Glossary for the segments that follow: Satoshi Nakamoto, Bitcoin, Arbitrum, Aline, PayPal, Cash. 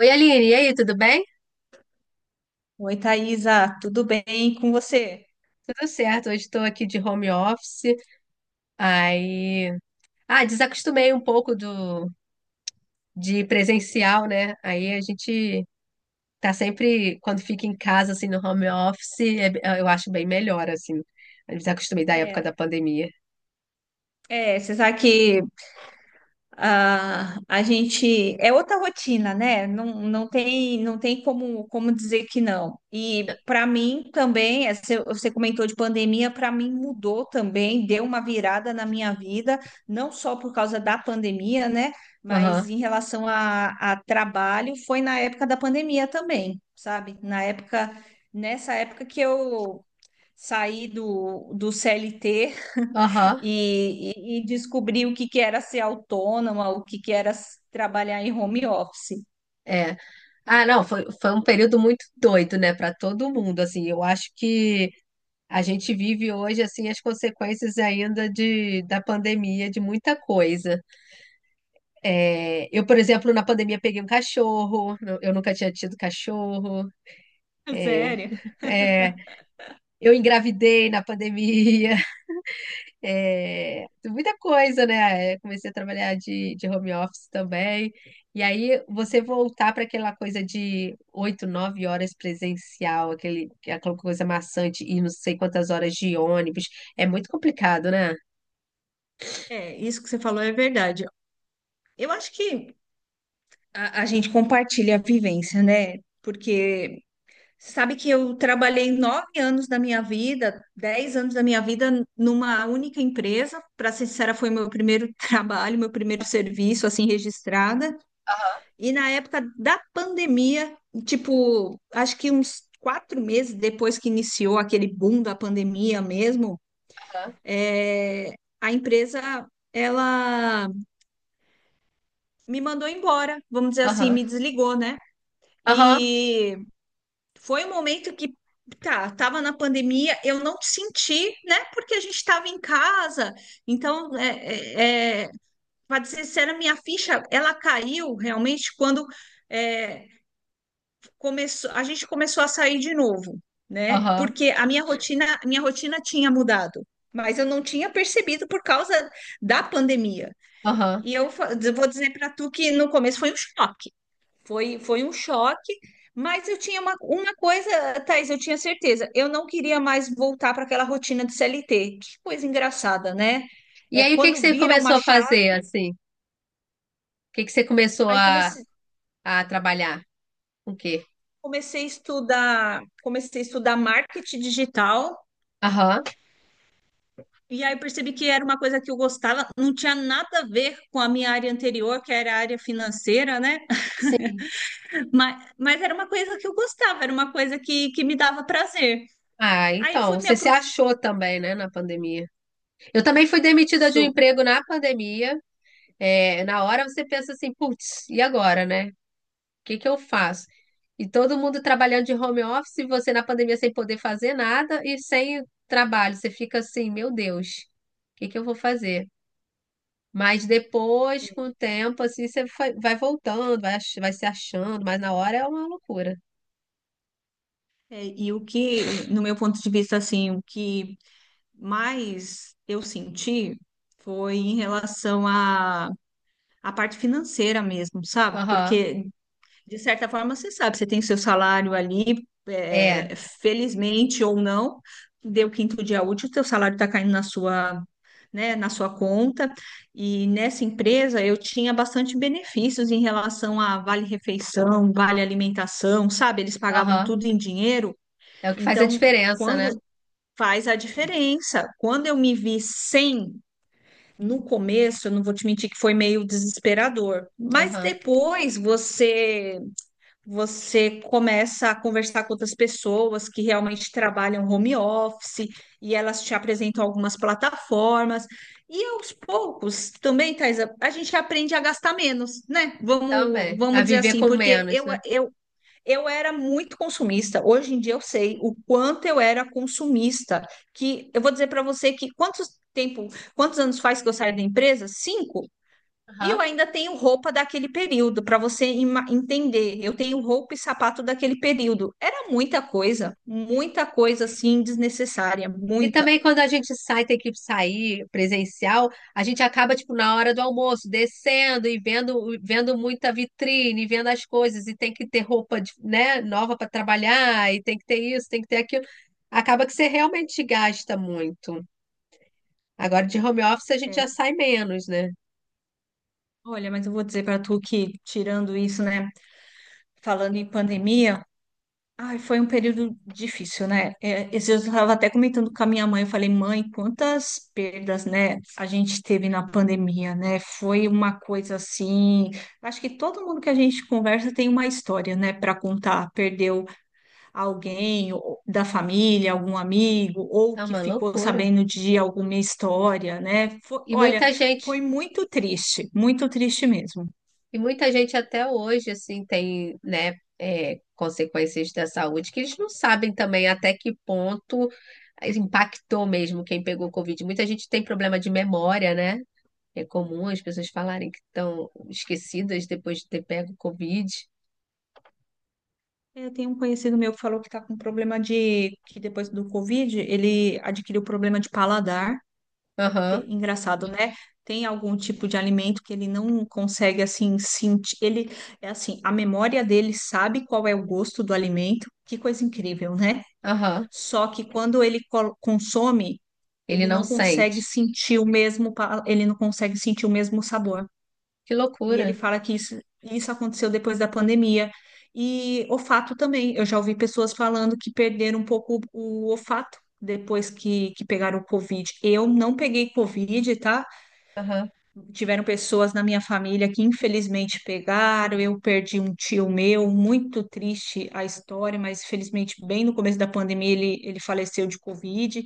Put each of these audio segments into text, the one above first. Oi, Aline, e aí, tudo bem? Oi, Thaisa, tudo bem com você? Tudo certo, hoje estou aqui de home office, aí. Ah, desacostumei um pouco do de presencial, né? Aí a gente tá sempre, quando fica em casa, assim, no home office, eu acho bem melhor, assim. Eu desacostumei da época da É, pandemia. é, você sabe que a gente é outra rotina, né? Não, não tem como dizer que não. E para mim também, você comentou de pandemia, para mim mudou também, deu uma virada na minha vida, não só por causa da pandemia, né? Aham, Mas em relação a trabalho, foi na época da pandemia também, sabe? Na época, nessa época que eu sair do CLT aham, e descobrir o que que era ser autônoma, o que que era trabalhar em home office. é. Ah, não, foi um período muito doido, né, para todo mundo, assim. Eu acho que a gente vive hoje assim as consequências ainda da pandemia, de muita coisa. É, eu, por exemplo, na pandemia peguei um cachorro, eu nunca tinha tido cachorro. É, Sério? é, eu engravidei na pandemia. É, muita coisa, né? É, comecei a trabalhar de home office também. E aí você voltar para aquela coisa de 8, 9 horas presencial, aquela coisa maçante e não sei quantas horas de ônibus, é muito complicado, né? É, isso que você falou é verdade. Eu acho que a gente compartilha a vivência, né? Porque sabe que eu trabalhei 9 anos da minha vida, 10 anos da minha vida numa única empresa. Para ser sincera, foi meu primeiro trabalho, meu primeiro serviço, assim, registrada. Aham, E na época da pandemia, tipo, acho que uns 4 meses depois que iniciou aquele boom da pandemia mesmo, é, a empresa ela me mandou embora, vamos dizer assim, aham, me desligou, né? aham, E foi um momento que tá, tava na pandemia, eu não senti, né? Porque a gente estava em casa, então para dizer sério, a minha ficha ela caiu realmente quando é, a gente começou a sair de novo, né? aham, Porque minha rotina tinha mudado, mas eu não tinha percebido por causa da pandemia. aham. E eu vou dizer para tu que no começo foi um choque. Foi um choque, mas eu tinha uma coisa, Thaís, eu tinha certeza. Eu não queria mais voltar para aquela rotina de CLT. Que coisa engraçada, né? E É aí, o que que quando você vira uma começou a fazer, chave, assim? O que que você começou aí a, a trabalhar? O quê? Comecei a estudar marketing digital. Aham, E aí percebi que era uma coisa que eu gostava, não tinha nada a ver com a minha área anterior, que era a área financeira, né? sim. Mas era uma coisa que eu gostava, era uma coisa que me dava prazer. Ah, Aí fui então, me você se aprofundar achou também, né, na pandemia. Eu também fui demitida nisso. de um emprego na pandemia. É, na hora você pensa assim, putz, e agora, né? O que que eu faço? E todo mundo trabalhando de home office, e você na pandemia sem poder fazer nada e sem trabalho. Você fica assim, meu Deus, o que que eu vou fazer? Mas depois, com o tempo, assim, você vai voltando, vai, vai se achando, mas na hora é uma loucura. É, e o que, no meu ponto de vista, assim, o que mais eu senti foi em relação à parte financeira mesmo, sabe? Aham. Porque, de certa forma, você sabe, você tem seu salário ali, É. Felizmente ou não, deu quinto dia útil, teu salário está caindo na sua, né, na sua conta. E nessa empresa eu tinha bastante benefícios em relação a vale refeição, vale alimentação, sabe? Eles pagavam Aham. tudo em dinheiro. É o que faz a Então, diferença, né? quando faz a diferença, quando eu me vi sem no começo, eu não vou te mentir que foi meio desesperador, mas Aham. depois você começa a conversar com outras pessoas que realmente trabalham home office e elas te apresentam algumas plataformas. E aos poucos, também, Thais, a gente aprende a gastar menos, né? Vamos, Também. A vamos dizer viver assim, com porque menos, eu, né? eu, eu era muito consumista. Hoje em dia eu sei o quanto eu era consumista. Que eu vou dizer para você que tempo, quantos anos faz que eu saio da empresa? Cinco? E eu Aham. ainda tenho roupa daquele período, para você entender. Eu tenho roupa e sapato daquele período. Era muita coisa assim desnecessária, E muita. também quando a gente sai, tem que sair presencial, a gente acaba, tipo, na hora do almoço, descendo e vendo muita vitrine, vendo as coisas, e tem que ter roupa, né, nova para trabalhar, e tem que ter isso, tem que ter aquilo. Acaba que você realmente gasta muito. Agora de home office a gente É, já sai menos, né? olha, mas eu vou dizer para tu que, tirando isso, né, falando em pandemia, ai, foi um período difícil, né? É, esses dias eu estava até comentando com a minha mãe, eu falei, mãe, quantas perdas, né, a gente teve na pandemia, né? Foi uma coisa assim. Acho que todo mundo que a gente conversa tem uma história, né, para contar. Perdeu alguém da família, algum amigo, ou É que uma ficou loucura. sabendo de alguma história, né? E Olha, muita foi gente, muito triste mesmo. e muita gente até hoje, assim, tem, né, consequências da saúde que eles não sabem também até que ponto impactou mesmo quem pegou Covid. Muita gente tem problema de memória, né? É comum as pessoas falarem que estão esquecidas depois de ter pego Covid. Eu tenho um conhecido meu que falou que está com que depois do Covid, ele adquiriu problema de paladar. Aham, Engraçado, né? Tem algum tipo de alimento que ele não consegue, assim, sentir. Ele, é assim, a memória dele sabe qual é o gosto do alimento. Que coisa incrível, né? aham. Só que quando ele consome, Ele ele não não consegue sente. sentir o mesmo, ele não consegue sentir o mesmo sabor. Que E loucura. ele fala que isso aconteceu depois da pandemia. E olfato também. Eu já ouvi pessoas falando que perderam um pouco o olfato depois que pegaram o Covid. Eu não peguei Covid, tá? Aham. Tiveram pessoas na minha família que infelizmente pegaram. Eu perdi um tio meu, muito triste a história, mas felizmente bem no começo da pandemia ele faleceu de Covid.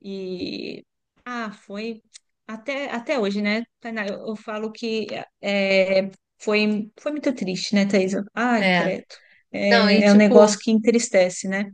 E foi até hoje, né, Tainá? Eu falo que é, foi muito triste, né, Thaisa? Ai, É. credo. Não, e É. É um negócio tipo, que entristece, né?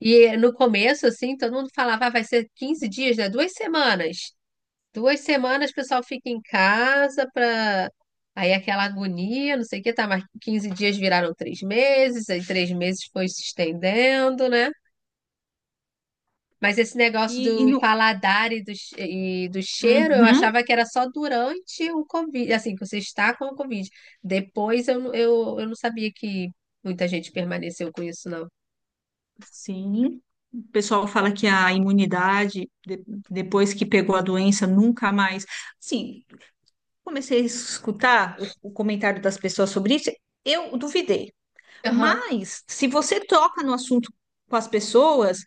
e no começo, assim, todo mundo falava, "Ah, vai ser 15 dias, né? 2 semanas. 2 semanas o pessoal fica em casa para. Aí aquela agonia, não sei o que, tá, mas 15 dias viraram 3 meses, aí 3 meses foi se estendendo, né? Mas esse negócio E do no. paladar e do cheiro, eu Uhum. achava que era só durante o Covid, assim, que você está com o Covid. Depois eu não sabia que muita gente permaneceu com isso, não. Sim. O pessoal fala que a imunidade, depois que pegou a doença, nunca mais. Sim, comecei a escutar o comentário das pessoas sobre isso, eu duvidei. Aham. Mas, se você toca no assunto com as pessoas,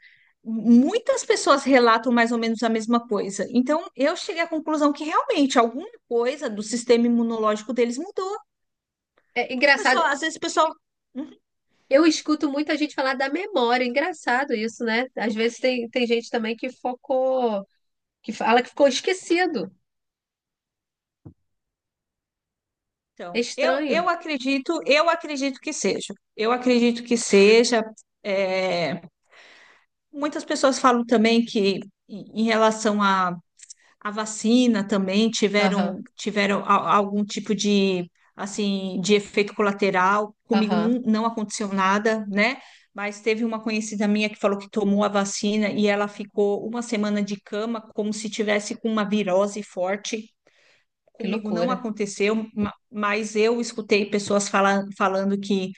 muitas pessoas relatam mais ou menos a mesma coisa. Então, eu cheguei à conclusão que realmente alguma coisa do sistema imunológico deles mudou, É porque a engraçado, pessoa, às vezes o pessoal. Uhum. Eu escuto muita gente falar da memória, é engraçado isso, né? Às vezes tem gente também que focou, que fala que ficou esquecido. É Então, estranho. Eu acredito que seja. Eu acredito que seja. é, Muitas pessoas falam também que em relação a vacina também Aham, tiveram algum tipo de assim de efeito colateral. Comigo aham, não aconteceu nada, né? Mas teve uma conhecida minha que falou que tomou a vacina e ela ficou uma semana de cama, como se tivesse com uma virose forte. que Comigo não loucura. aconteceu, mas eu escutei pessoas falando que,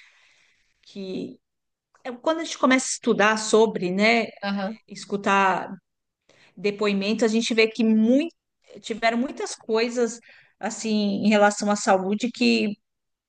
que quando a gente começa a estudar sobre, né, Aham, escutar depoimentos, a gente vê que muito, tiveram muitas coisas assim em relação à saúde que,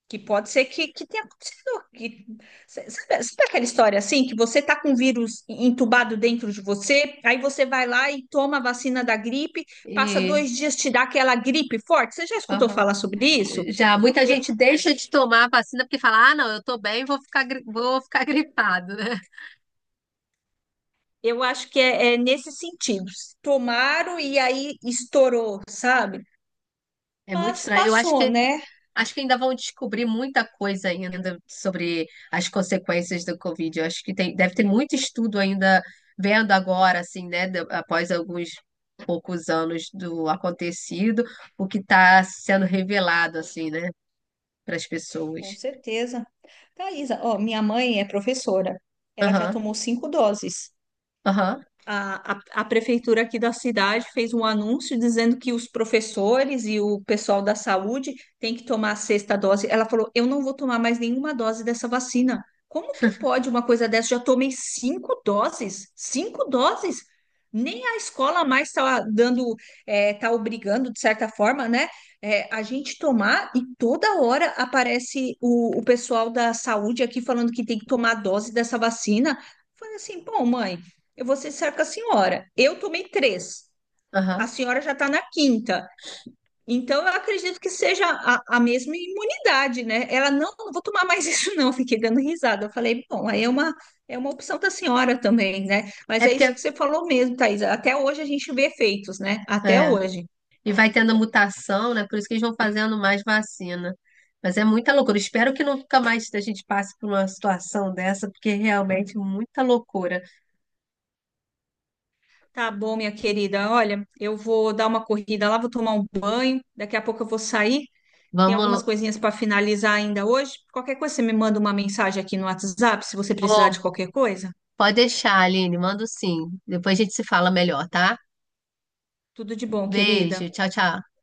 que pode ser que tenha acontecido. Que, sabe, sabe aquela história assim, que você está com vírus entubado dentro de você, aí você vai lá e toma a vacina da gripe, passa e. 2 dias, te dá aquela gripe forte. Você já escutou Aham. falar sobre isso? Já muita E- gente deixa de tomar a vacina porque fala: ah, não, eu tô bem, vou ficar gripado, né? Eu acho que é nesse sentido. Tomaram e aí estourou, sabe? É muito Mas estranho. Eu acho passou, que né? acho que ainda vão descobrir muita coisa ainda sobre as consequências do Covid. Eu acho que deve ter muito estudo ainda vendo agora, assim, né, após alguns poucos anos do acontecido, o que está sendo revelado, assim, né, para as Com pessoas. certeza. Thaisa, ó, minha mãe é professora. Ela já Aham, tomou 5 doses. aham, A prefeitura aqui da cidade fez um anúncio dizendo que os professores e o pessoal da saúde têm que tomar a sexta dose. Ela falou: Eu não vou tomar mais nenhuma dose dessa vacina. Como que pode uma coisa dessa? Já tomei 5 doses, 5 doses. Nem a escola mais está dando, está obrigando, de certa forma, né? A gente tomar e toda hora aparece o pessoal da saúde aqui falando que tem que tomar a dose dessa vacina. Falei assim, pô, mãe, eu vou ser sincera com a senhora. Eu tomei três, a aham. senhora já está na quinta. Então, eu acredito que seja a mesma imunidade, né? Ela não, não vou tomar mais isso, não. Fiquei dando risada. Eu falei, bom, aí é uma opção da senhora também, né? Mas É é porque isso que você falou mesmo, Thaís. Até hoje a gente vê efeitos, né? Até é, hoje. E vai tendo mutação, né? Por isso que eles vão fazendo mais vacina. Mas é muita loucura. Espero que nunca mais a gente passe por uma situação dessa, porque é realmente muita loucura. Tá bom, minha querida. Olha, eu vou dar uma corrida lá, vou tomar um banho. Daqui a pouco eu vou sair. Tem algumas Vamos. coisinhas para finalizar ainda hoje. Qualquer coisa, você me manda uma mensagem aqui no WhatsApp se você precisar Pô, de qualquer coisa. pode deixar, Aline. Mando sim. Depois a gente se fala melhor, tá? Tudo de bom, Beijo. querida. Tchau, tchau.